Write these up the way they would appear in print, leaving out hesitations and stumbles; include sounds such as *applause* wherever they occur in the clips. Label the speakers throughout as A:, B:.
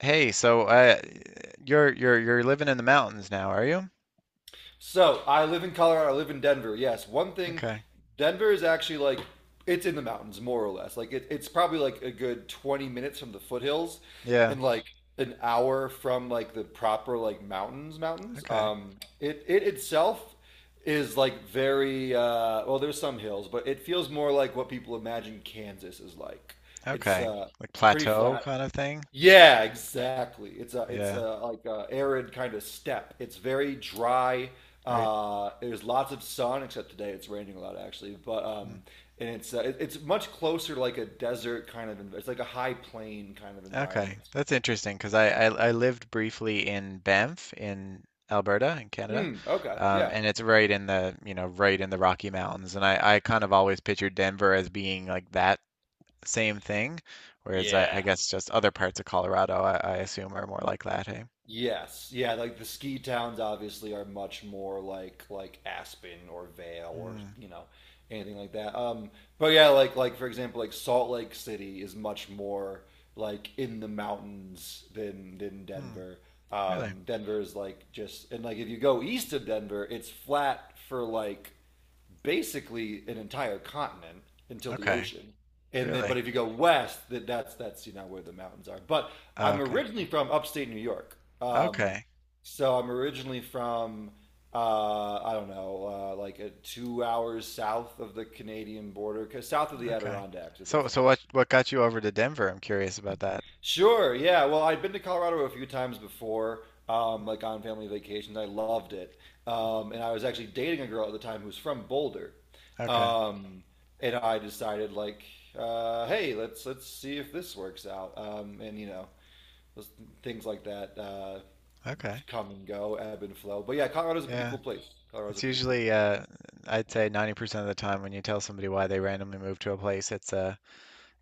A: Hey, you're living in the mountains now, are you?
B: So I live in Colorado. I live in Denver. Yes, one thing,
A: Okay.
B: Denver is actually like it's in the mountains more or less. Like it's probably like a good 20 minutes from the foothills,
A: Yeah.
B: and like an hour from like the proper like mountains.
A: Okay.
B: It itself is like very well. There's some hills, but it feels more like what people imagine Kansas is like. It's
A: Okay.
B: uh,
A: Like
B: it's pretty
A: plateau
B: flat.
A: kind of thing.
B: Yeah, exactly. It's a
A: Yeah.
B: like a arid kind of steppe. It's very dry.
A: Right.
B: There's lots of sun, except today it's raining a lot actually. But
A: Mm.
B: and it's it's much closer to like a desert kind of. It's like a high plain kind of
A: Okay.
B: environment.
A: That's interesting because I lived briefly in Banff in Alberta in Canada,
B: Hmm. Okay. Yeah.
A: and it's right in the right in the Rocky Mountains, and I kind of always pictured Denver as being like that same thing, whereas I
B: Yeah.
A: guess just other parts of Colorado I assume are more like that. Hey.
B: Yes, yeah, like the ski towns obviously are much more like Aspen or Vale or
A: Hmm.
B: anything like that. But yeah, like for example, like Salt Lake City is much more like in the mountains than
A: Hmm.
B: Denver.
A: Really?
B: Denver is like just and like if you go east of Denver, it's flat for like basically an entire continent until the
A: Okay.
B: ocean. And then,
A: Really?
B: but if you go west, that's where the mountains are. But
A: Oh,
B: I'm
A: okay.
B: originally from upstate New York, um,
A: Okay.
B: so I'm originally from I don't know, like a 2 hours south of the Canadian border, 'cause south of the
A: Okay.
B: Adirondacks, if
A: So,
B: that's any.
A: so what got you over to Denver? I'm curious about that.
B: Sure. Yeah. Well, I'd been to Colorado a few times before,
A: Mm,
B: like on family vacations. I loved it.
A: mm.
B: And I was actually dating a girl at the time who was from Boulder.
A: Okay.
B: Um, and I decided like, hey, let's see if this works out. And those things like that
A: Okay.
B: come and go, ebb and flow. But yeah, Colorado's a pretty
A: Yeah.
B: cool place. Colorado's a
A: It's
B: pretty cool
A: usually
B: place.
A: I'd say 90% of the time when you tell somebody why they randomly move to a place, it's a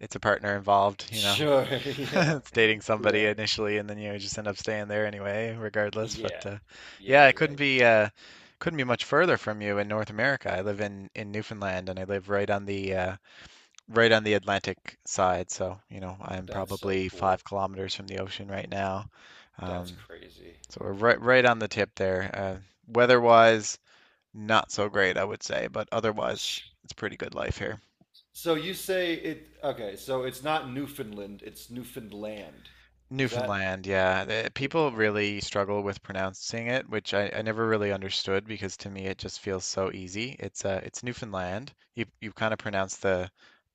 A: it's a partner involved, you know. *laughs*
B: Sure. *laughs* Yeah.
A: It's dating somebody
B: Yeah.
A: initially, and then you just end up staying there anyway, regardless. But
B: Yeah.
A: yeah,
B: Yeah.
A: I couldn't
B: Yeah.
A: be much further from you in North America. I live in Newfoundland, and I live right on the Atlantic side, so you know I'm
B: That's so
A: probably
B: cool.
A: 5 kilometers from the ocean right now.
B: That's
A: Um,
B: crazy.
A: so we're right on the tip there. Weather-wise, not so great, I would say, but otherwise, it's pretty good life here.
B: So you say it. Okay, so it's not Newfoundland. It's Newfoundland. Is that
A: Newfoundland, yeah. The- people
B: Newfoundland?
A: really struggle with pronouncing it, which I never really understood because to me it just feels so easy. It's Newfoundland. You kind of pronounce the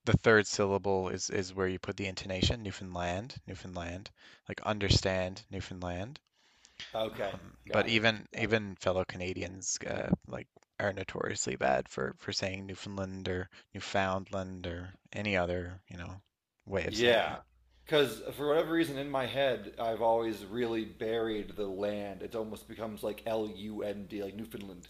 A: the third syllable is where you put the intonation, Newfoundland, Newfoundland, like understand Newfoundland.
B: Okay,
A: But
B: got it.
A: even
B: Got it.
A: even fellow Canadians like are notoriously bad for saying Newfoundland or Newfoundland or any other, you know, way of saying
B: Yeah,
A: it.
B: because for whatever reason in my head, I've always really buried the land. It almost becomes like Lund, like Newfoundland,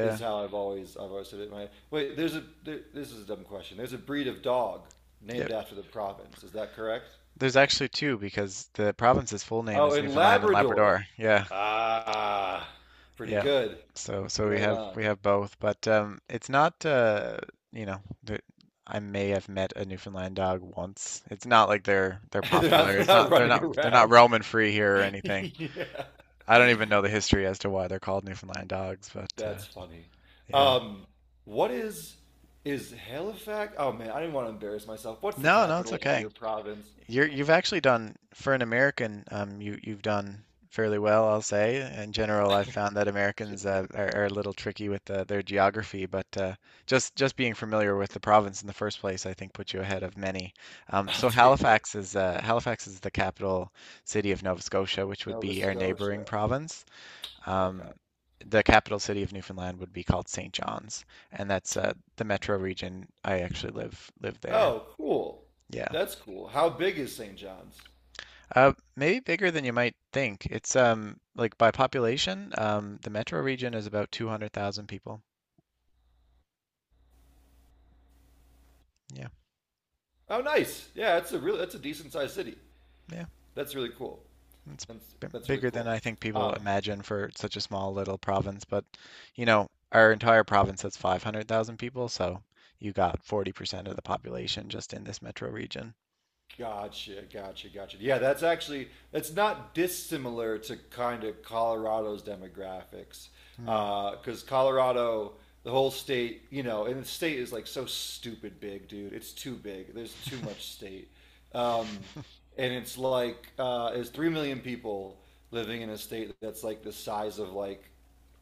B: is how I've always said it in my head. Wait, this is a dumb question. There's a breed of dog named
A: Yep.
B: after the province. Is that correct?
A: There's actually two because the province's full name
B: Oh,
A: is
B: in
A: Newfoundland and
B: Labrador.
A: Labrador. Yeah,
B: Ah, pretty
A: yeah.
B: good.
A: So we
B: Right
A: have
B: on.
A: we have both, but it's not you know, the, I may have met a Newfoundland dog once. It's not like they're
B: *laughs* They're not,
A: popular.
B: they're
A: It's
B: not
A: not they're
B: running
A: not they're not
B: around.
A: roaming free here or
B: *laughs*
A: anything.
B: Yeah.
A: I don't even know the history as to why they're called Newfoundland dogs, but
B: That's funny.
A: yeah.
B: Um, what is Halifax? Oh man, I didn't want to embarrass myself. What's the
A: No, no, it's
B: capital of
A: okay.
B: your province?
A: You've actually done, for an American, you've done fairly well, I'll say. In general, I've found that Americans
B: *laughs*
A: are a little tricky with their geography, but uh, just being familiar with the province in the first place, I think puts you ahead of many.
B: I'll
A: So
B: take it.
A: Halifax is the capital city of Nova Scotia, which would
B: Nova
A: be our neighboring
B: Scotia.
A: province. Um,
B: Okay.
A: the capital city of Newfoundland would be called St. John's, and that's the metro region. I actually live there.
B: Oh, cool.
A: Yeah.
B: That's cool. How big is St. John's?
A: Maybe bigger than you might think. It's like by population, the metro region is about 200,000 people. Yeah.
B: Oh, nice. Yeah, it's a really that's a decent sized city.
A: Yeah.
B: That's really cool.
A: It's
B: That's
A: b
B: that's really
A: bigger than
B: cool.
A: I think people
B: Um,
A: imagine for such a small little province, but you know, our entire province has 500,000 people, so you got 40% of the population just in this metro region.
B: Gotcha, gotcha, gotcha. Yeah, that's not dissimilar to kind of Colorado's demographics,
A: Hmm.
B: because Colorado, the whole state, you know, and the state is like so stupid big, dude. It's too big. There's too
A: *laughs*
B: much state, um, and it's like there's 3 million people living in a state that's like the size of like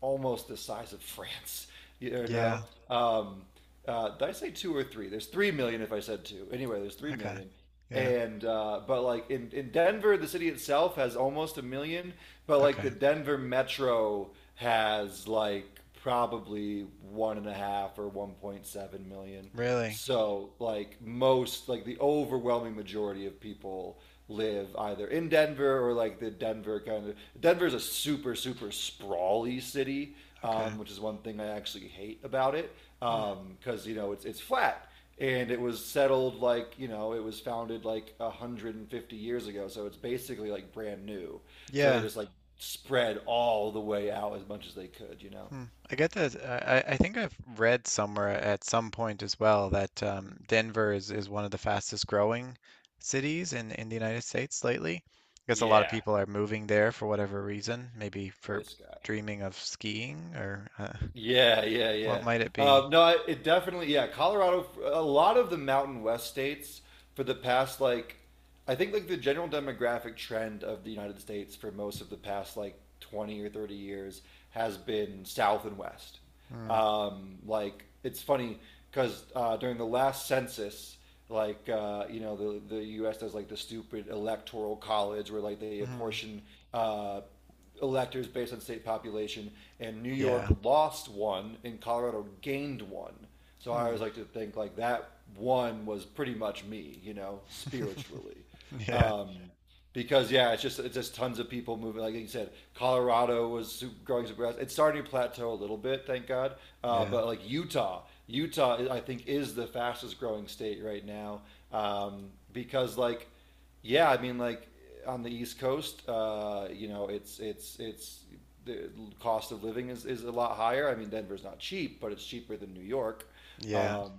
B: almost the size of France. *laughs* You
A: Yeah.
B: know, um, did I say two or three? There's 3 million if I said two. Anyway, there's three
A: Okay.
B: million
A: Yeah.
B: and but like in Denver, the city itself has almost a million, but like
A: Okay.
B: the Denver metro has like probably 1.5 or 1.7 million.
A: Really?
B: So like most, like the overwhelming majority of people, live either in Denver or like the Denver kind of, Denver's a super sprawly city,
A: Okay.
B: which is one thing I actually hate about it,
A: Hmm.
B: because it's flat, and it was settled, like it was founded like 150 years ago, so it's basically like brand new, so they
A: Yeah.
B: just like spread all the way out as much as they could.
A: Hmm. I get that. I think I've read somewhere at some point as well that Denver is one of the fastest growing cities in the United States lately. I guess a lot of
B: Yeah.
A: people are moving there for whatever reason, maybe for
B: This guy.
A: dreaming of skiing, or
B: Yeah, yeah,
A: what
B: yeah.
A: might it be?
B: No, it definitely, yeah. Colorado, a lot of the Mountain West states for the past, like, I think, like, the general demographic trend of the United States for most of the past, like, 20 or 30 years has been South and West.
A: Hmm.
B: Like, it's funny because during the last census, like, the U.S. does, like, the stupid electoral college where, like, they
A: Hmm.
B: apportion, uh, electors based on state population, and New
A: Yeah.
B: York lost one, and Colorado gained one. So I
A: Hmm.
B: always like to think like that one was pretty much me,
A: *laughs*
B: spiritually.
A: Yeah.
B: Um, because yeah, it's just tons of people moving. Like you said, Colorado was growing super fast. It's starting to plateau a little bit, thank God.
A: Yeah.
B: But like Utah I think is the fastest growing state right now, because like yeah, I mean like on the East Coast, it's the cost of living is a lot higher. I mean Denver's not cheap, but it's cheaper than New York.
A: Yeah.
B: Um,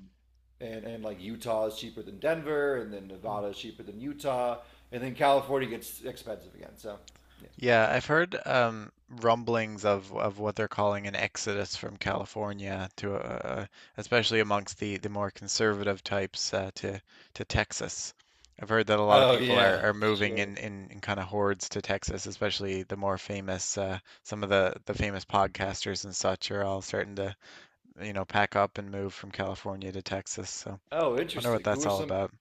B: and like Utah is cheaper than Denver, and then Nevada is cheaper than Utah, and then California gets expensive again. So, yeah.
A: Yeah, I've heard rumblings of what they're calling an exodus from California to, especially amongst the more conservative types to Texas. I've heard that a lot of
B: Oh
A: people
B: yeah,
A: are moving
B: sure.
A: in kind of hordes to Texas, especially the more famous, some of the famous podcasters and such are all starting to, you know, pack up and move from California to Texas. So,
B: Oh,
A: wonder what
B: interesting. Who
A: that's
B: are
A: all
B: some?
A: about.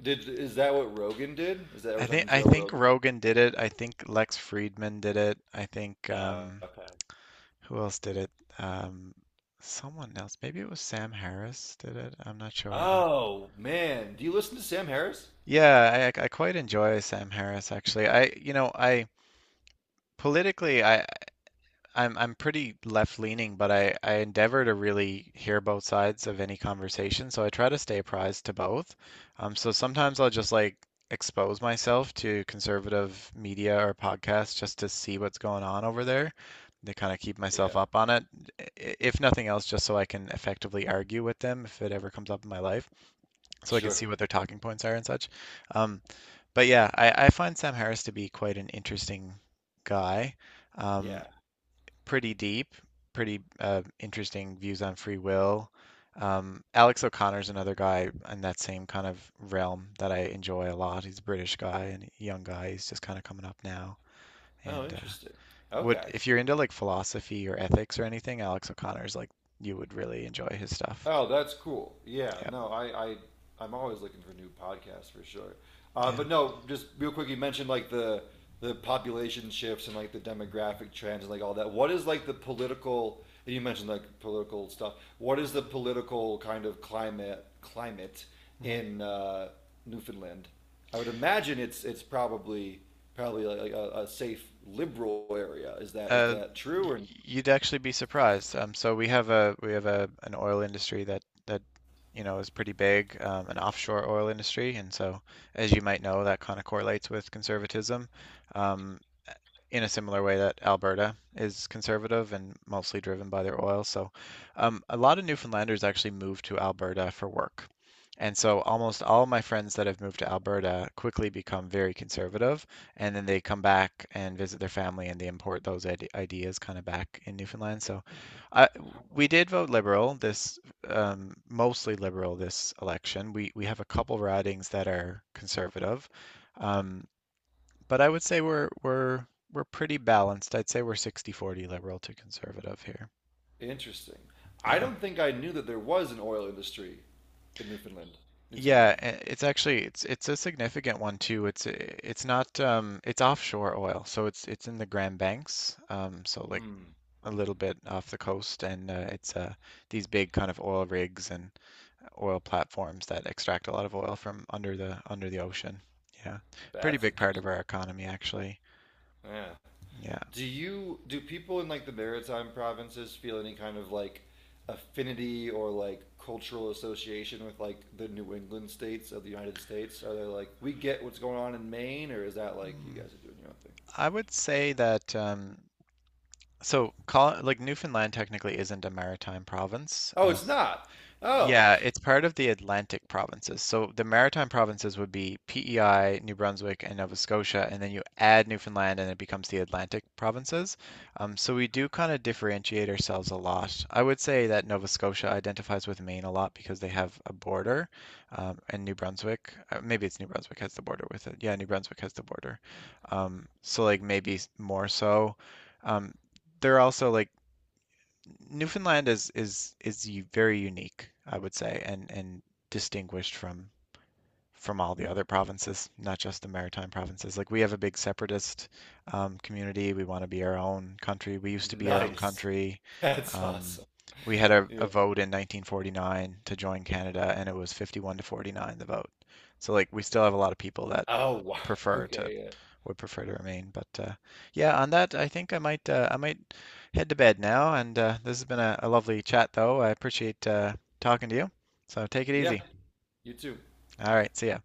B: Did is that what Rogan did? Is that we're
A: I think
B: talking
A: I
B: Joe
A: think
B: Rogan?
A: Rogan did it. I think Lex Friedman did it. I think
B: Oh, okay.
A: who else did it? Um, Someone else. Maybe it was Sam Harris did it. I'm not sure, but
B: Oh man, do you listen to Sam Harris?
A: yeah, I quite enjoy Sam Harris actually. I I politically I'm pretty left leaning, but I endeavor to really hear both sides of any conversation, so I try to stay apprised to both. So sometimes I'll just like expose myself to conservative media or podcasts just to see what's going on over there, to kind of keep myself
B: Yeah.
A: up on it. i- If nothing else, just so I can effectively argue with them if it ever comes up in my life, so I can
B: Sure.
A: see what their talking points are and such. Um, but yeah, I find Sam Harris to be quite an interesting guy. Um,
B: Yeah.
A: pretty deep, pretty interesting views on free will. Alex O'Connor's another guy in that same kind of realm that I enjoy a lot. He's a British guy and a young guy. He's just kind of coming up now.
B: Oh,
A: And
B: interesting.
A: would
B: Okay.
A: if you're into like philosophy or ethics or anything, Alex O'Connor's like you would really enjoy his stuff.
B: Oh, that's cool. Yeah,
A: Yeah,
B: no, I'm always looking for new podcasts for sure.
A: yeah.
B: But no, just real quick, you mentioned like the population shifts and like the demographic trends and like all that. What is like the political? And you mentioned like political stuff. What is the
A: Hmm.
B: political kind of climate
A: Hmm.
B: in Newfoundland? I would imagine it's probably like a safe liberal area. Is that is
A: Uh,
B: that true
A: y-
B: or?
A: You'd actually be surprised. So we have a an oil industry that you know is pretty big, an offshore oil industry, and so as you might know, that kind of correlates with conservatism. Um, in a similar way that Alberta is conservative and mostly driven by their oil. So, a lot of Newfoundlanders actually moved to Alberta for work. And so almost all my friends that have moved to Alberta quickly become very conservative, and then they come back and visit their family and they import those ideas kind of back in Newfoundland. So I, we did vote Liberal this mostly Liberal this election. We have a couple ridings that are conservative. Um, but I would say we're pretty balanced. I'd say we're 60-40 liberal to conservative here.
B: Interesting. I
A: Yeah.
B: don't think I knew that there was an oil industry in Newfoundland. Newfoundland.
A: It's actually it's a significant one too. It's not it's offshore oil. So it's in the Grand Banks. Um, so like a little bit off the coast, and it's these big kind of oil rigs and oil platforms that extract a lot of oil from under the ocean. Yeah. Pretty
B: That's
A: big part of
B: interesting.
A: our economy actually.
B: Yeah.
A: Yeah.
B: Do people in like the maritime provinces feel any kind of like affinity or like cultural association with like the New England states of the United States? Are they like we get what's going on in Maine, or is that like you
A: Hmm.
B: guys are doing your own thing?
A: I would say that so call like Newfoundland technically isn't a maritime province,
B: Oh, it's not. Oh,
A: yeah, it's part of the Atlantic provinces. So the Maritime provinces would be PEI, New Brunswick, and Nova Scotia, and then you add Newfoundland and it becomes the Atlantic provinces. So we do kind of differentiate ourselves a lot. I would say that Nova Scotia identifies with Maine a lot because they have a border, and New Brunswick, maybe it's New Brunswick has the border with it. Yeah, New Brunswick has the border. So like maybe more so. Um, they're also like Newfoundland is very unique, I would say, and distinguished from all the other provinces, not just the maritime provinces. Like we have a big separatist community. We want to be our own country. We used
B: *laughs*
A: to be our own
B: nice.
A: country.
B: That's
A: Um,
B: awesome.
A: we had a
B: Yeah.
A: vote in 1949 to join Canada, and it was 51 to 49 the vote. So like we still have a lot of people that
B: Oh, wow.
A: prefer to
B: Okay. Yeah.
A: would prefer to remain. But yeah, on that, I think I might head to bed now. And this has been a lovely chat, though. I appreciate talking to you. So take it
B: Yeah.
A: easy.
B: You too.
A: All right, see ya.